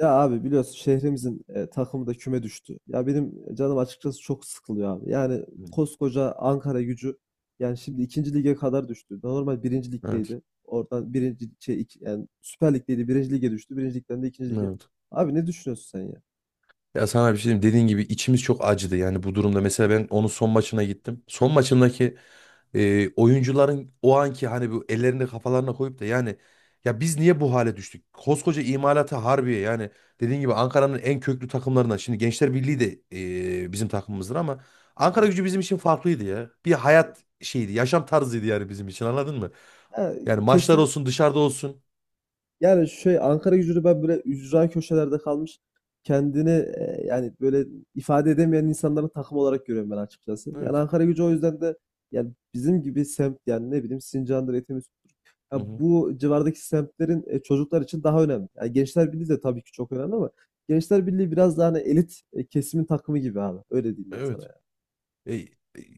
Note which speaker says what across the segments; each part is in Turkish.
Speaker 1: Ya abi biliyorsun şehrimizin takımı da küme düştü. Ya benim canım açıkçası çok sıkılıyor abi. Yani
Speaker 2: Hmm.
Speaker 1: koskoca Ankara Gücü yani şimdi ikinci lige kadar düştü. Normal birinci
Speaker 2: Evet.
Speaker 1: ligdeydi. Oradan birinci şey, yani Süper Lig'deydi birinci lige düştü. Birinci ligden de ikinci lige.
Speaker 2: Evet.
Speaker 1: Abi ne düşünüyorsun sen ya?
Speaker 2: Ya sana bir şey diyeyim. Dediğin gibi içimiz çok acıdı yani bu durumda. Mesela ben onun son maçına gittim. Son maçındaki oyuncuların o anki hani bu ellerini kafalarına koyup da yani ya biz niye bu hale düştük? Koskoca imalata Harbiye yani dediğin gibi Ankara'nın en köklü takımlarından. Şimdi Gençler Birliği de bizim takımımızdır ama Ankara
Speaker 1: Doğru.
Speaker 2: gücü bizim için farklıydı ya. Bir hayat şeydi, yaşam tarzıydı yani bizim için anladın mı?
Speaker 1: Ya,
Speaker 2: Yani maçlar olsun
Speaker 1: kesinlikle.
Speaker 2: dışarıda olsun.
Speaker 1: Yani şey Ankaragücü'nü ben böyle ücra köşelerde kalmış kendini, yani böyle ifade edemeyen insanların takım olarak görüyorum ben açıkçası. Yani
Speaker 2: Evet.
Speaker 1: Ankaragücü o yüzden de yani bizim gibi semt yani ne bileyim Sincan'dır, Etimesgut'tur.
Speaker 2: Hı
Speaker 1: Ya
Speaker 2: hı.
Speaker 1: bu civardaki semtlerin çocuklar için daha önemli. Yani Gençler Birliği de tabii ki çok önemli ama Gençler Birliği biraz daha hani elit kesimin takımı gibi abi. Öyle diyeyim ben sana
Speaker 2: Evet.
Speaker 1: yani.
Speaker 2: E, e,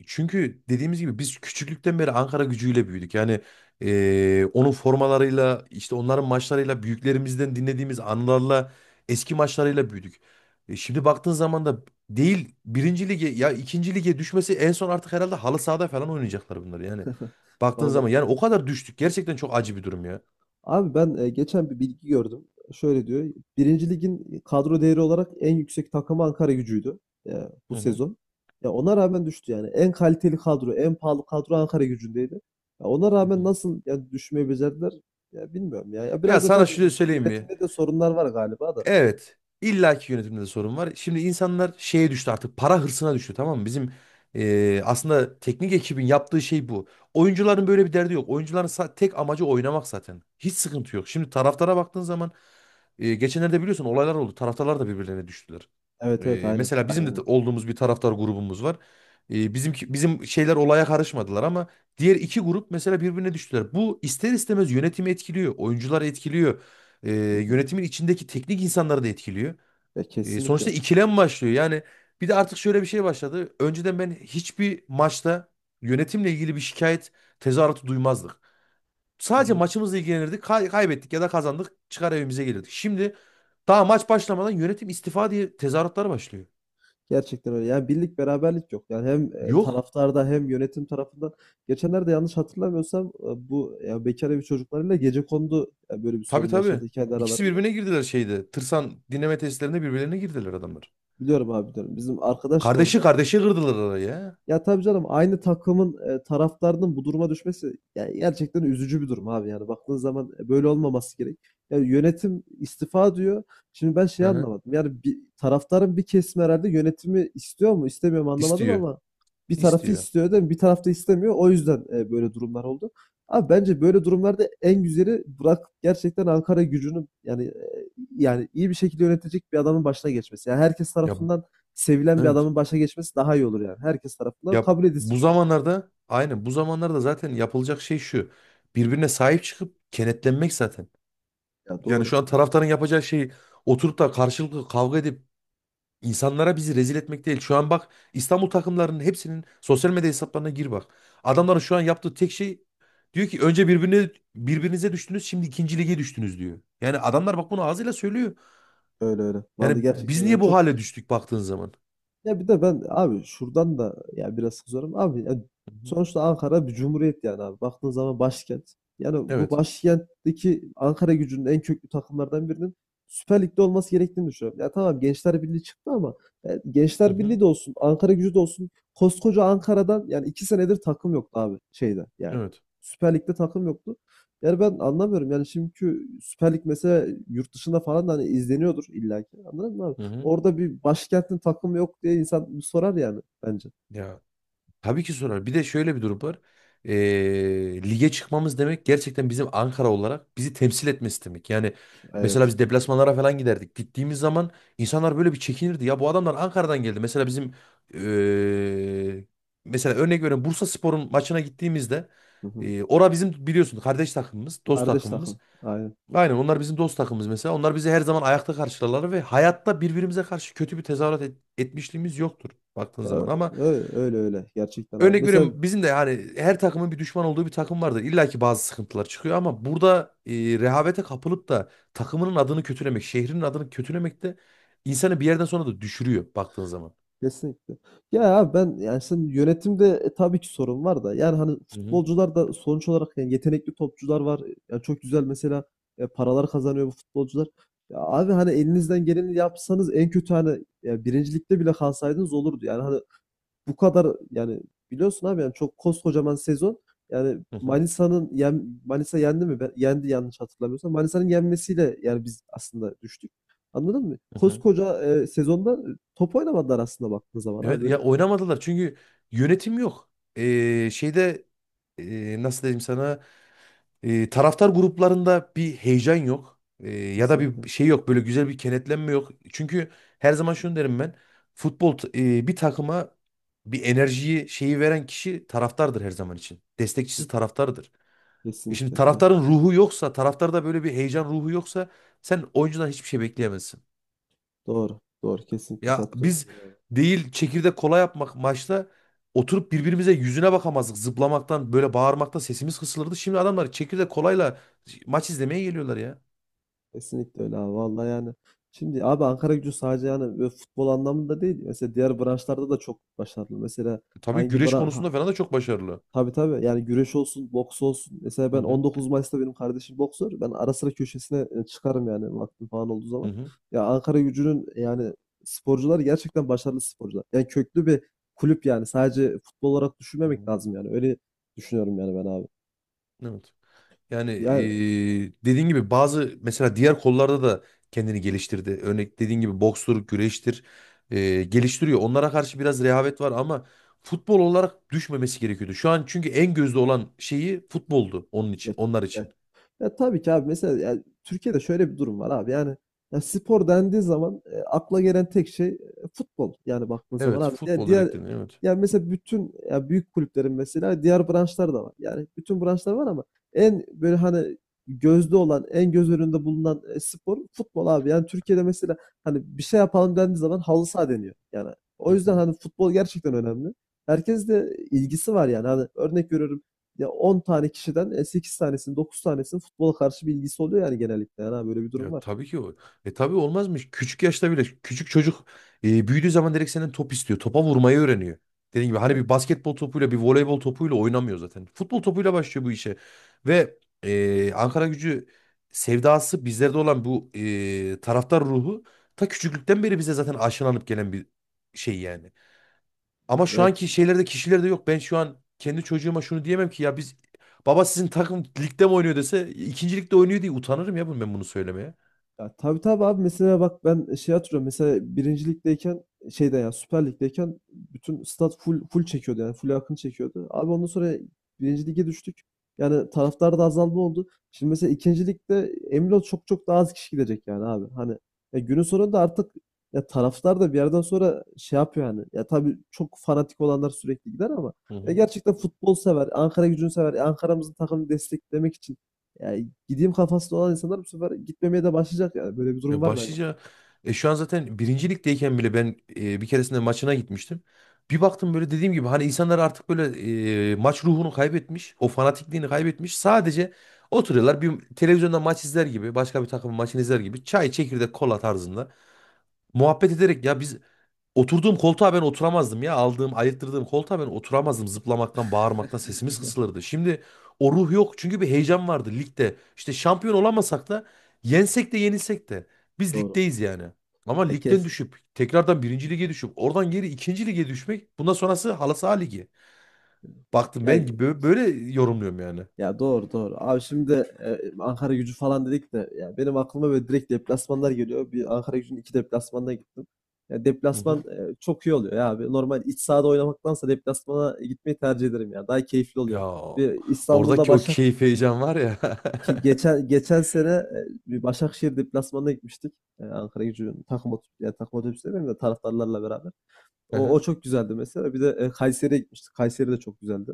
Speaker 2: çünkü dediğimiz gibi biz küçüklükten beri Ankara gücüyle büyüdük. Yani onun formalarıyla işte onların maçlarıyla büyüklerimizden dinlediğimiz anılarla eski maçlarıyla büyüdük. Şimdi baktığın zaman da değil birinci lige ya ikinci lige düşmesi en son artık herhalde halı sahada falan oynayacaklar bunlar yani. Baktığın zaman yani
Speaker 1: Vallahi.
Speaker 2: o kadar düştük. Gerçekten çok acı bir durum ya.
Speaker 1: Abi ben geçen bir bilgi gördüm. Şöyle diyor. Birinci Lig'in kadro değeri olarak en yüksek takımı Ankara Gücü'ydü e, bu
Speaker 2: Hı hı.
Speaker 1: sezon. Ya ona rağmen düştü yani. En kaliteli kadro, en pahalı kadro Ankara Gücü'ndeydi. Ya ona
Speaker 2: Hı
Speaker 1: rağmen
Speaker 2: hı.
Speaker 1: nasıl ya düşmeyi becerdiler? Ya bilmiyorum ya. Ya
Speaker 2: Ya
Speaker 1: biraz da
Speaker 2: sana şunu
Speaker 1: tabii
Speaker 2: söyleyeyim mi?
Speaker 1: yönetimde de sorunlar var galiba da.
Speaker 2: Evet. illaki yönetimde de sorun var. Şimdi insanlar şeye düştü artık para hırsına düştü tamam mı? Bizim aslında teknik ekibin yaptığı şey bu. Oyuncuların böyle bir derdi yok. Oyuncuların tek amacı oynamak zaten. Hiç sıkıntı yok. Şimdi taraftara baktığın zaman geçenlerde biliyorsun olaylar oldu. Taraftarlar da birbirlerine düştüler.
Speaker 1: Evet evet aynen.
Speaker 2: Mesela bizim de
Speaker 1: Aynen.
Speaker 2: olduğumuz bir taraftar grubumuz var. Bizimki, bizim şeyler olaya karışmadılar ama diğer iki grup mesela birbirine düştüler. Bu ister istemez yönetimi etkiliyor, oyuncuları etkiliyor e,
Speaker 1: Hı hı.
Speaker 2: yönetimin içindeki teknik insanları da etkiliyor.
Speaker 1: Ya
Speaker 2: E, sonuçta
Speaker 1: kesinlikle.
Speaker 2: ikilem başlıyor. Yani bir de artık şöyle bir şey başladı. Önceden ben hiçbir maçta yönetimle ilgili bir şikayet tezahüratı duymazdık.
Speaker 1: Hı
Speaker 2: Sadece
Speaker 1: hı.
Speaker 2: maçımızla ilgilenirdik. Kaybettik ya da kazandık. Çıkar evimize gelirdik. Şimdi daha maç başlamadan yönetim istifa diye tezahüratlar başlıyor.
Speaker 1: Gerçekten öyle. Yani birlik beraberlik yok. Yani hem
Speaker 2: Yok.
Speaker 1: taraftarda hem yönetim tarafından. Geçenlerde yanlış hatırlamıyorsam bu ya bekar evi çocuklarıyla gecekondu böyle bir
Speaker 2: Tabii
Speaker 1: sorun
Speaker 2: tabii.
Speaker 1: yaşadı kendi
Speaker 2: İkisi
Speaker 1: aralarında.
Speaker 2: birbirine girdiler şeyde. Tırsan dinleme testlerinde birbirlerine girdiler adamlar.
Speaker 1: Biliyorum abi diyorum. Bizim arkadaş da orada.
Speaker 2: Kardeşi kırdılar araya.
Speaker 1: Ya tabii canım aynı takımın taraftarının bu duruma düşmesi yani gerçekten üzücü bir durum abi yani baktığın zaman böyle olmaması gerek. Yani yönetim istifa diyor. Şimdi ben
Speaker 2: Hı
Speaker 1: şey
Speaker 2: hı.
Speaker 1: anlamadım. Yani bir, taraftarın bir kesimi herhalde yönetimi istiyor mu istemiyor mu anlamadım
Speaker 2: İstiyor.
Speaker 1: ama bir tarafı
Speaker 2: İstiyor.
Speaker 1: istiyor değil mi? Bir taraf da istemiyor. O yüzden böyle durumlar oldu. Abi bence böyle durumlarda en güzeli bırak gerçekten Ankara gücünü yani yani iyi bir şekilde yönetecek bir adamın başına geçmesi. Yani herkes
Speaker 2: Ya bu-
Speaker 1: tarafından sevilen bir
Speaker 2: evet.
Speaker 1: adamın başa geçmesi daha iyi olur yani. Herkes tarafından
Speaker 2: Ya
Speaker 1: kabul edilsin
Speaker 2: bu
Speaker 1: çünkü.
Speaker 2: zamanlarda aynen bu zamanlarda zaten yapılacak şey şu. Birbirine sahip çıkıp kenetlenmek zaten.
Speaker 1: Ya
Speaker 2: Yani
Speaker 1: doğru.
Speaker 2: şu an taraftarın yapacağı şey oturup da karşılıklı kavga edip insanlara bizi rezil etmek değil. Şu an bak İstanbul takımlarının hepsinin sosyal medya hesaplarına gir bak. Adamların şu an yaptığı tek şey diyor ki önce birbirine birbirinize düştünüz şimdi ikinci lige düştünüz diyor. Yani adamlar bak bunu ağzıyla söylüyor.
Speaker 1: Öyle öyle.
Speaker 2: Yani
Speaker 1: Vallahi gerçekten
Speaker 2: biz
Speaker 1: öyle.
Speaker 2: niye bu
Speaker 1: Çok.
Speaker 2: hale düştük baktığın zaman?
Speaker 1: Ya bir de ben abi şuradan da ya biraz kızıyorum. Abi ya
Speaker 2: Hı hı.
Speaker 1: sonuçta Ankara bir cumhuriyet yani abi. Baktığın zaman başkent. Yani bu
Speaker 2: Evet.
Speaker 1: başkentteki Ankara gücünün en köklü takımlardan birinin Süper Lig'de olması gerektiğini düşünüyorum. Ya tamam Gençler Birliği çıktı ama ya
Speaker 2: Hı
Speaker 1: Gençler
Speaker 2: hı.
Speaker 1: Birliği de olsun, Ankara gücü de olsun. Koskoca Ankara'dan yani 2 senedir takım yoktu abi şeyde yani.
Speaker 2: Evet.
Speaker 1: Süper Lig'de takım yoktu. Yani ben anlamıyorum. Yani şimdiki Süper Lig mesela yurt dışında falan da hani izleniyordur illaki. Anladın mı abi?
Speaker 2: Hı hı.
Speaker 1: Orada bir başkentin takımı yok diye insan bir sorar yani bence.
Speaker 2: Ya tabii ki sorar. Bir de şöyle bir durum var. Lige çıkmamız demek gerçekten bizim Ankara olarak bizi temsil etmesi demek. Yani mesela
Speaker 1: Evet.
Speaker 2: biz deplasmanlara falan giderdik. Gittiğimiz zaman insanlar böyle bir çekinirdi. Ya bu adamlar Ankara'dan geldi. Mesela bizim ee, mesela örnek veriyorum Bursaspor'un maçına gittiğimizde
Speaker 1: Hı hı.
Speaker 2: ora bizim biliyorsun kardeş takımımız, dost
Speaker 1: Kardeş
Speaker 2: takımımız.
Speaker 1: takım. Aynen.
Speaker 2: Aynen onlar bizim dost takımımız mesela. Onlar bizi her zaman ayakta karşılarlar ve hayatta birbirimize karşı kötü bir tezahürat etmişliğimiz yoktur baktığın
Speaker 1: Ya,
Speaker 2: zaman ama
Speaker 1: öyle öyle gerçekten abi.
Speaker 2: örnek
Speaker 1: Mesela
Speaker 2: veriyorum bizim de yani her takımın bir düşman olduğu bir takım vardır. İlla ki bazı sıkıntılar çıkıyor ama burada rehavete kapılıp da takımının adını kötülemek, şehrinin adını kötülemek de insanı bir yerden sonra da düşürüyor baktığın zaman.
Speaker 1: kesinlikle. Ya abi ben yani sen yönetimde tabii ki sorun var da yani hani
Speaker 2: Hı hı,
Speaker 1: futbolcular da sonuç olarak yani yetenekli topçular var. Yani çok güzel mesela paralar kazanıyor bu futbolcular. Ya abi hani elinizden geleni yapsanız en kötü hani ya birincilikte bile kalsaydınız olurdu. Yani hani bu kadar yani biliyorsun abi yani çok koskocaman sezon yani
Speaker 2: hı hı,
Speaker 1: Manisa'nın Manisa yendi mi? Yendi yanlış hatırlamıyorsam. Manisa'nın yenmesiyle yani biz aslında düştük. Anladın mı?
Speaker 2: hı hı.
Speaker 1: Koskoca sezonda top oynamadılar aslında baktığın zaman ha
Speaker 2: Evet
Speaker 1: böyle
Speaker 2: ya oynamadılar çünkü yönetim yok. Şeyde nasıl diyeyim sana. Taraftar gruplarında bir heyecan yok. E, ya da bir
Speaker 1: kesinlikle.
Speaker 2: şey yok. Böyle güzel bir kenetlenme yok. Çünkü her zaman şunu derim ben. Futbol t- Bir takıma bir enerjiyi şeyi veren kişi taraftardır her zaman için. Destekçisi
Speaker 1: Ke-
Speaker 2: taraftardır. E şimdi
Speaker 1: Kesinlikle yani
Speaker 2: taraftarın ruhu yoksa, taraftarda böyle bir heyecan ruhu yoksa sen oyuncudan hiçbir şey bekleyemezsin.
Speaker 1: doğru doğru kesinlikle
Speaker 2: Ya
Speaker 1: katılıyorum
Speaker 2: biz
Speaker 1: öyle abi.
Speaker 2: değil çekirdek kola yapmak maçta oturup birbirimize yüzüne bakamazdık. Zıplamaktan böyle bağırmaktan sesimiz kısılırdı. Şimdi adamlar çekirdek kolayla maç izlemeye geliyorlar ya.
Speaker 1: Kesinlikle öyle abi vallahi yani şimdi abi Ankaragücü sadece yani böyle futbol anlamında değil mesela diğer branşlarda da çok başarılı. Mesela.
Speaker 2: E tabii
Speaker 1: Hangi
Speaker 2: güreş
Speaker 1: bran
Speaker 2: konusunda falan da çok başarılı.
Speaker 1: Tabii tabii. Yani güreş olsun, boks olsun. Mesela
Speaker 2: Hı
Speaker 1: ben
Speaker 2: hı.
Speaker 1: 19 Mayıs'ta benim kardeşim boksör. Ben ara sıra köşesine çıkarım yani vaktim falan olduğu
Speaker 2: Hı
Speaker 1: zaman.
Speaker 2: hı.
Speaker 1: Ya Ankaragücü'nün yani sporcuları gerçekten başarılı sporcular. Yani köklü bir kulüp yani. Sadece futbol olarak
Speaker 2: Hı
Speaker 1: düşünmemek
Speaker 2: hı.
Speaker 1: lazım yani. Öyle düşünüyorum yani ben abi.
Speaker 2: Evet. Yani
Speaker 1: Yani
Speaker 2: dediğin gibi bazı mesela diğer kollarda da kendini geliştirdi. Örnek dediğin gibi bokstur, güreştir geliştiriyor. Onlara karşı biraz rehavet var ama futbol olarak düşmemesi gerekiyordu. Şu an çünkü en gözde olan şeyi futboldu onun için, onlar
Speaker 1: ya.
Speaker 2: için.
Speaker 1: Ya tabii ki abi mesela yani Türkiye'de şöyle bir durum var abi. Yani ya spor dendiği zaman akla gelen tek şey futbol. Yani baktığın zaman
Speaker 2: Evet,
Speaker 1: abi ya
Speaker 2: futbol
Speaker 1: diğer
Speaker 2: direkt dedin, evet.
Speaker 1: yani mesela bütün ya büyük kulüplerin mesela diğer branşlar da var. Yani bütün branşlar var ama en böyle hani gözde olan, en göz önünde bulunan spor futbol abi. Yani Türkiye'de mesela hani bir şey yapalım dendiği zaman halı saha deniyor. Yani o yüzden hani futbol gerçekten önemli. Herkes de ilgisi var yani. Hani örnek veriyorum ya 10 tane kişiden 8 tanesinin 9 tanesinin futbola karşı bir ilgisi oluyor yani genellikle. Yani böyle bir durum
Speaker 2: Ya
Speaker 1: var.
Speaker 2: tabii ki o. E tabii olmaz mı? Küçük yaşta bile küçük çocuk büyüdüğü zaman direkt senden top istiyor. Topa vurmayı öğreniyor. Dediğim gibi hani bir basketbol topuyla bir voleybol topuyla oynamıyor zaten. Futbol topuyla başlıyor bu işe. Ve Ankara Gücü sevdası bizlerde olan bu taraftar ruhu ta küçüklükten beri bize zaten aşılanıp gelen bir şey yani. Ama şu
Speaker 1: Yani.
Speaker 2: anki şeylerde kişilerde yok. Ben şu an kendi çocuğuma şunu diyemem ki ya biz baba sizin takım ligde mi oynuyor dese ikinci ligde oynuyor diye utanırım ya ben bunu söylemeye.
Speaker 1: Ya tabii tabii abi mesela bak ben şey hatırlıyorum mesela birincilikteyken ligdeyken şeyde ya Süper Lig'deyken bütün stat full full çekiyordu yani full akın çekiyordu. Abi ondan sonra birinci lige düştük. Yani taraftar da azalma oldu. Şimdi mesela ikinci ligde emin ol çok çok daha az kişi gidecek yani abi. Hani ya günün sonunda artık ya taraftar da bir yerden sonra şey yapıyor yani. Ya tabii çok fanatik olanlar sürekli gider ama
Speaker 2: Hı
Speaker 1: ya
Speaker 2: hı.
Speaker 1: gerçekten futbol sever, Ankara gücünü sever, Ankara'mızın takımını desteklemek için yani gideyim kafasında olan insanlar bu sefer gitmemeye de başlayacak yani. Böyle bir durum
Speaker 2: Ya
Speaker 1: var bence.
Speaker 2: başlıca şu an zaten birinci ligdeyken bile ben bir keresinde maçına gitmiştim. Bir baktım böyle dediğim gibi hani insanlar artık böyle maç ruhunu kaybetmiş. O fanatikliğini kaybetmiş. Sadece oturuyorlar bir televizyonda maç izler gibi başka bir takımın maçını izler gibi çay çekirdek kola tarzında muhabbet ederek ya biz oturduğum koltuğa ben oturamazdım ya. Aldığım, ayırttırdığım koltuğa ben oturamazdım. Zıplamaktan, bağırmaktan sesimiz kısılırdı. Şimdi o ruh yok. Çünkü bir heyecan vardı ligde. İşte şampiyon olamasak da yensek de yenilsek de biz ligdeyiz yani. Ama
Speaker 1: E kes.
Speaker 2: ligden düşüp tekrardan birinci lige düşüp oradan geri ikinci lige düşmek bundan sonrası halı saha ligi. Baktım
Speaker 1: Ya
Speaker 2: ben gibi böyle yorumluyorum yani.
Speaker 1: ya doğru doğru. Abi şimdi e, Ankara Gücü falan dedik de ya benim aklıma böyle direkt deplasmanlar geliyor. Bir Ankara Gücü'nün iki deplasmanına gittim. Ya
Speaker 2: Hı
Speaker 1: deplasman
Speaker 2: hı.
Speaker 1: çok iyi oluyor ya abi. Normal iç sahada oynamaktansa deplasmana gitmeyi tercih ederim ya. Daha keyifli
Speaker 2: Ya
Speaker 1: oluyor. Bir İstanbul'da
Speaker 2: oradaki o keyif heyecan var ya.
Speaker 1: Ki geçen sene bir Başakşehir deplasmanına gitmiştik. Ankara Gücü'nün takım otobüsü, yani takım otobüsü demeyeyim de taraftarlarla beraber.
Speaker 2: Hı
Speaker 1: O
Speaker 2: hı.
Speaker 1: çok güzeldi mesela. Bir de Kayseri'ye gitmiştik. Kayseri de çok güzeldi.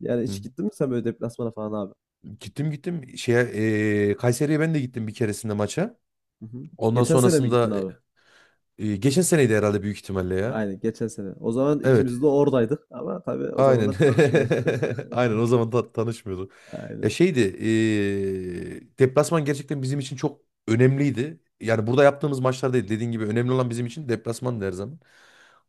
Speaker 1: Yani
Speaker 2: Hı hı.
Speaker 1: hiç gittin mi sen böyle deplasmana falan abi?
Speaker 2: Gittim şeye Kayseri'ye ben de gittim bir keresinde maça.
Speaker 1: Hı hı.
Speaker 2: Ondan
Speaker 1: Geçen sene mi gittin
Speaker 2: sonrasında
Speaker 1: abi?
Speaker 2: geçen seneydi herhalde büyük ihtimalle ya.
Speaker 1: Aynen geçen sene. O zaman
Speaker 2: Evet.
Speaker 1: ikimiz de oradaydık ama tabii o
Speaker 2: Aynen.
Speaker 1: zamanlar tanışmıyorduk.
Speaker 2: Aynen o zaman tanışmıyorduk. Ya
Speaker 1: Aynen.
Speaker 2: şeydi, deplasman gerçekten bizim için çok önemliydi. Yani burada yaptığımız maçlar değil. Dediğin gibi önemli olan bizim için deplasman her zaman.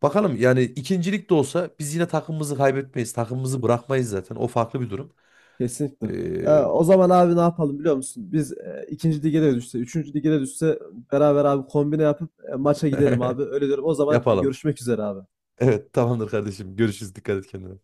Speaker 2: Bakalım yani ikincilik de olsa biz yine takımımızı kaybetmeyiz. Takımımızı bırakmayız zaten. O farklı bir durum.
Speaker 1: Kesinlikle.
Speaker 2: E,
Speaker 1: Ya, o zaman abi ne yapalım biliyor musun? Biz ikinci lige de düşse, üçüncü lige de düşse beraber abi kombine yapıp maça gidelim abi. Öyle diyorum. O zaman
Speaker 2: yapalım.
Speaker 1: görüşmek üzere abi.
Speaker 2: Evet tamamdır kardeşim. Görüşürüz. Dikkat et kendine.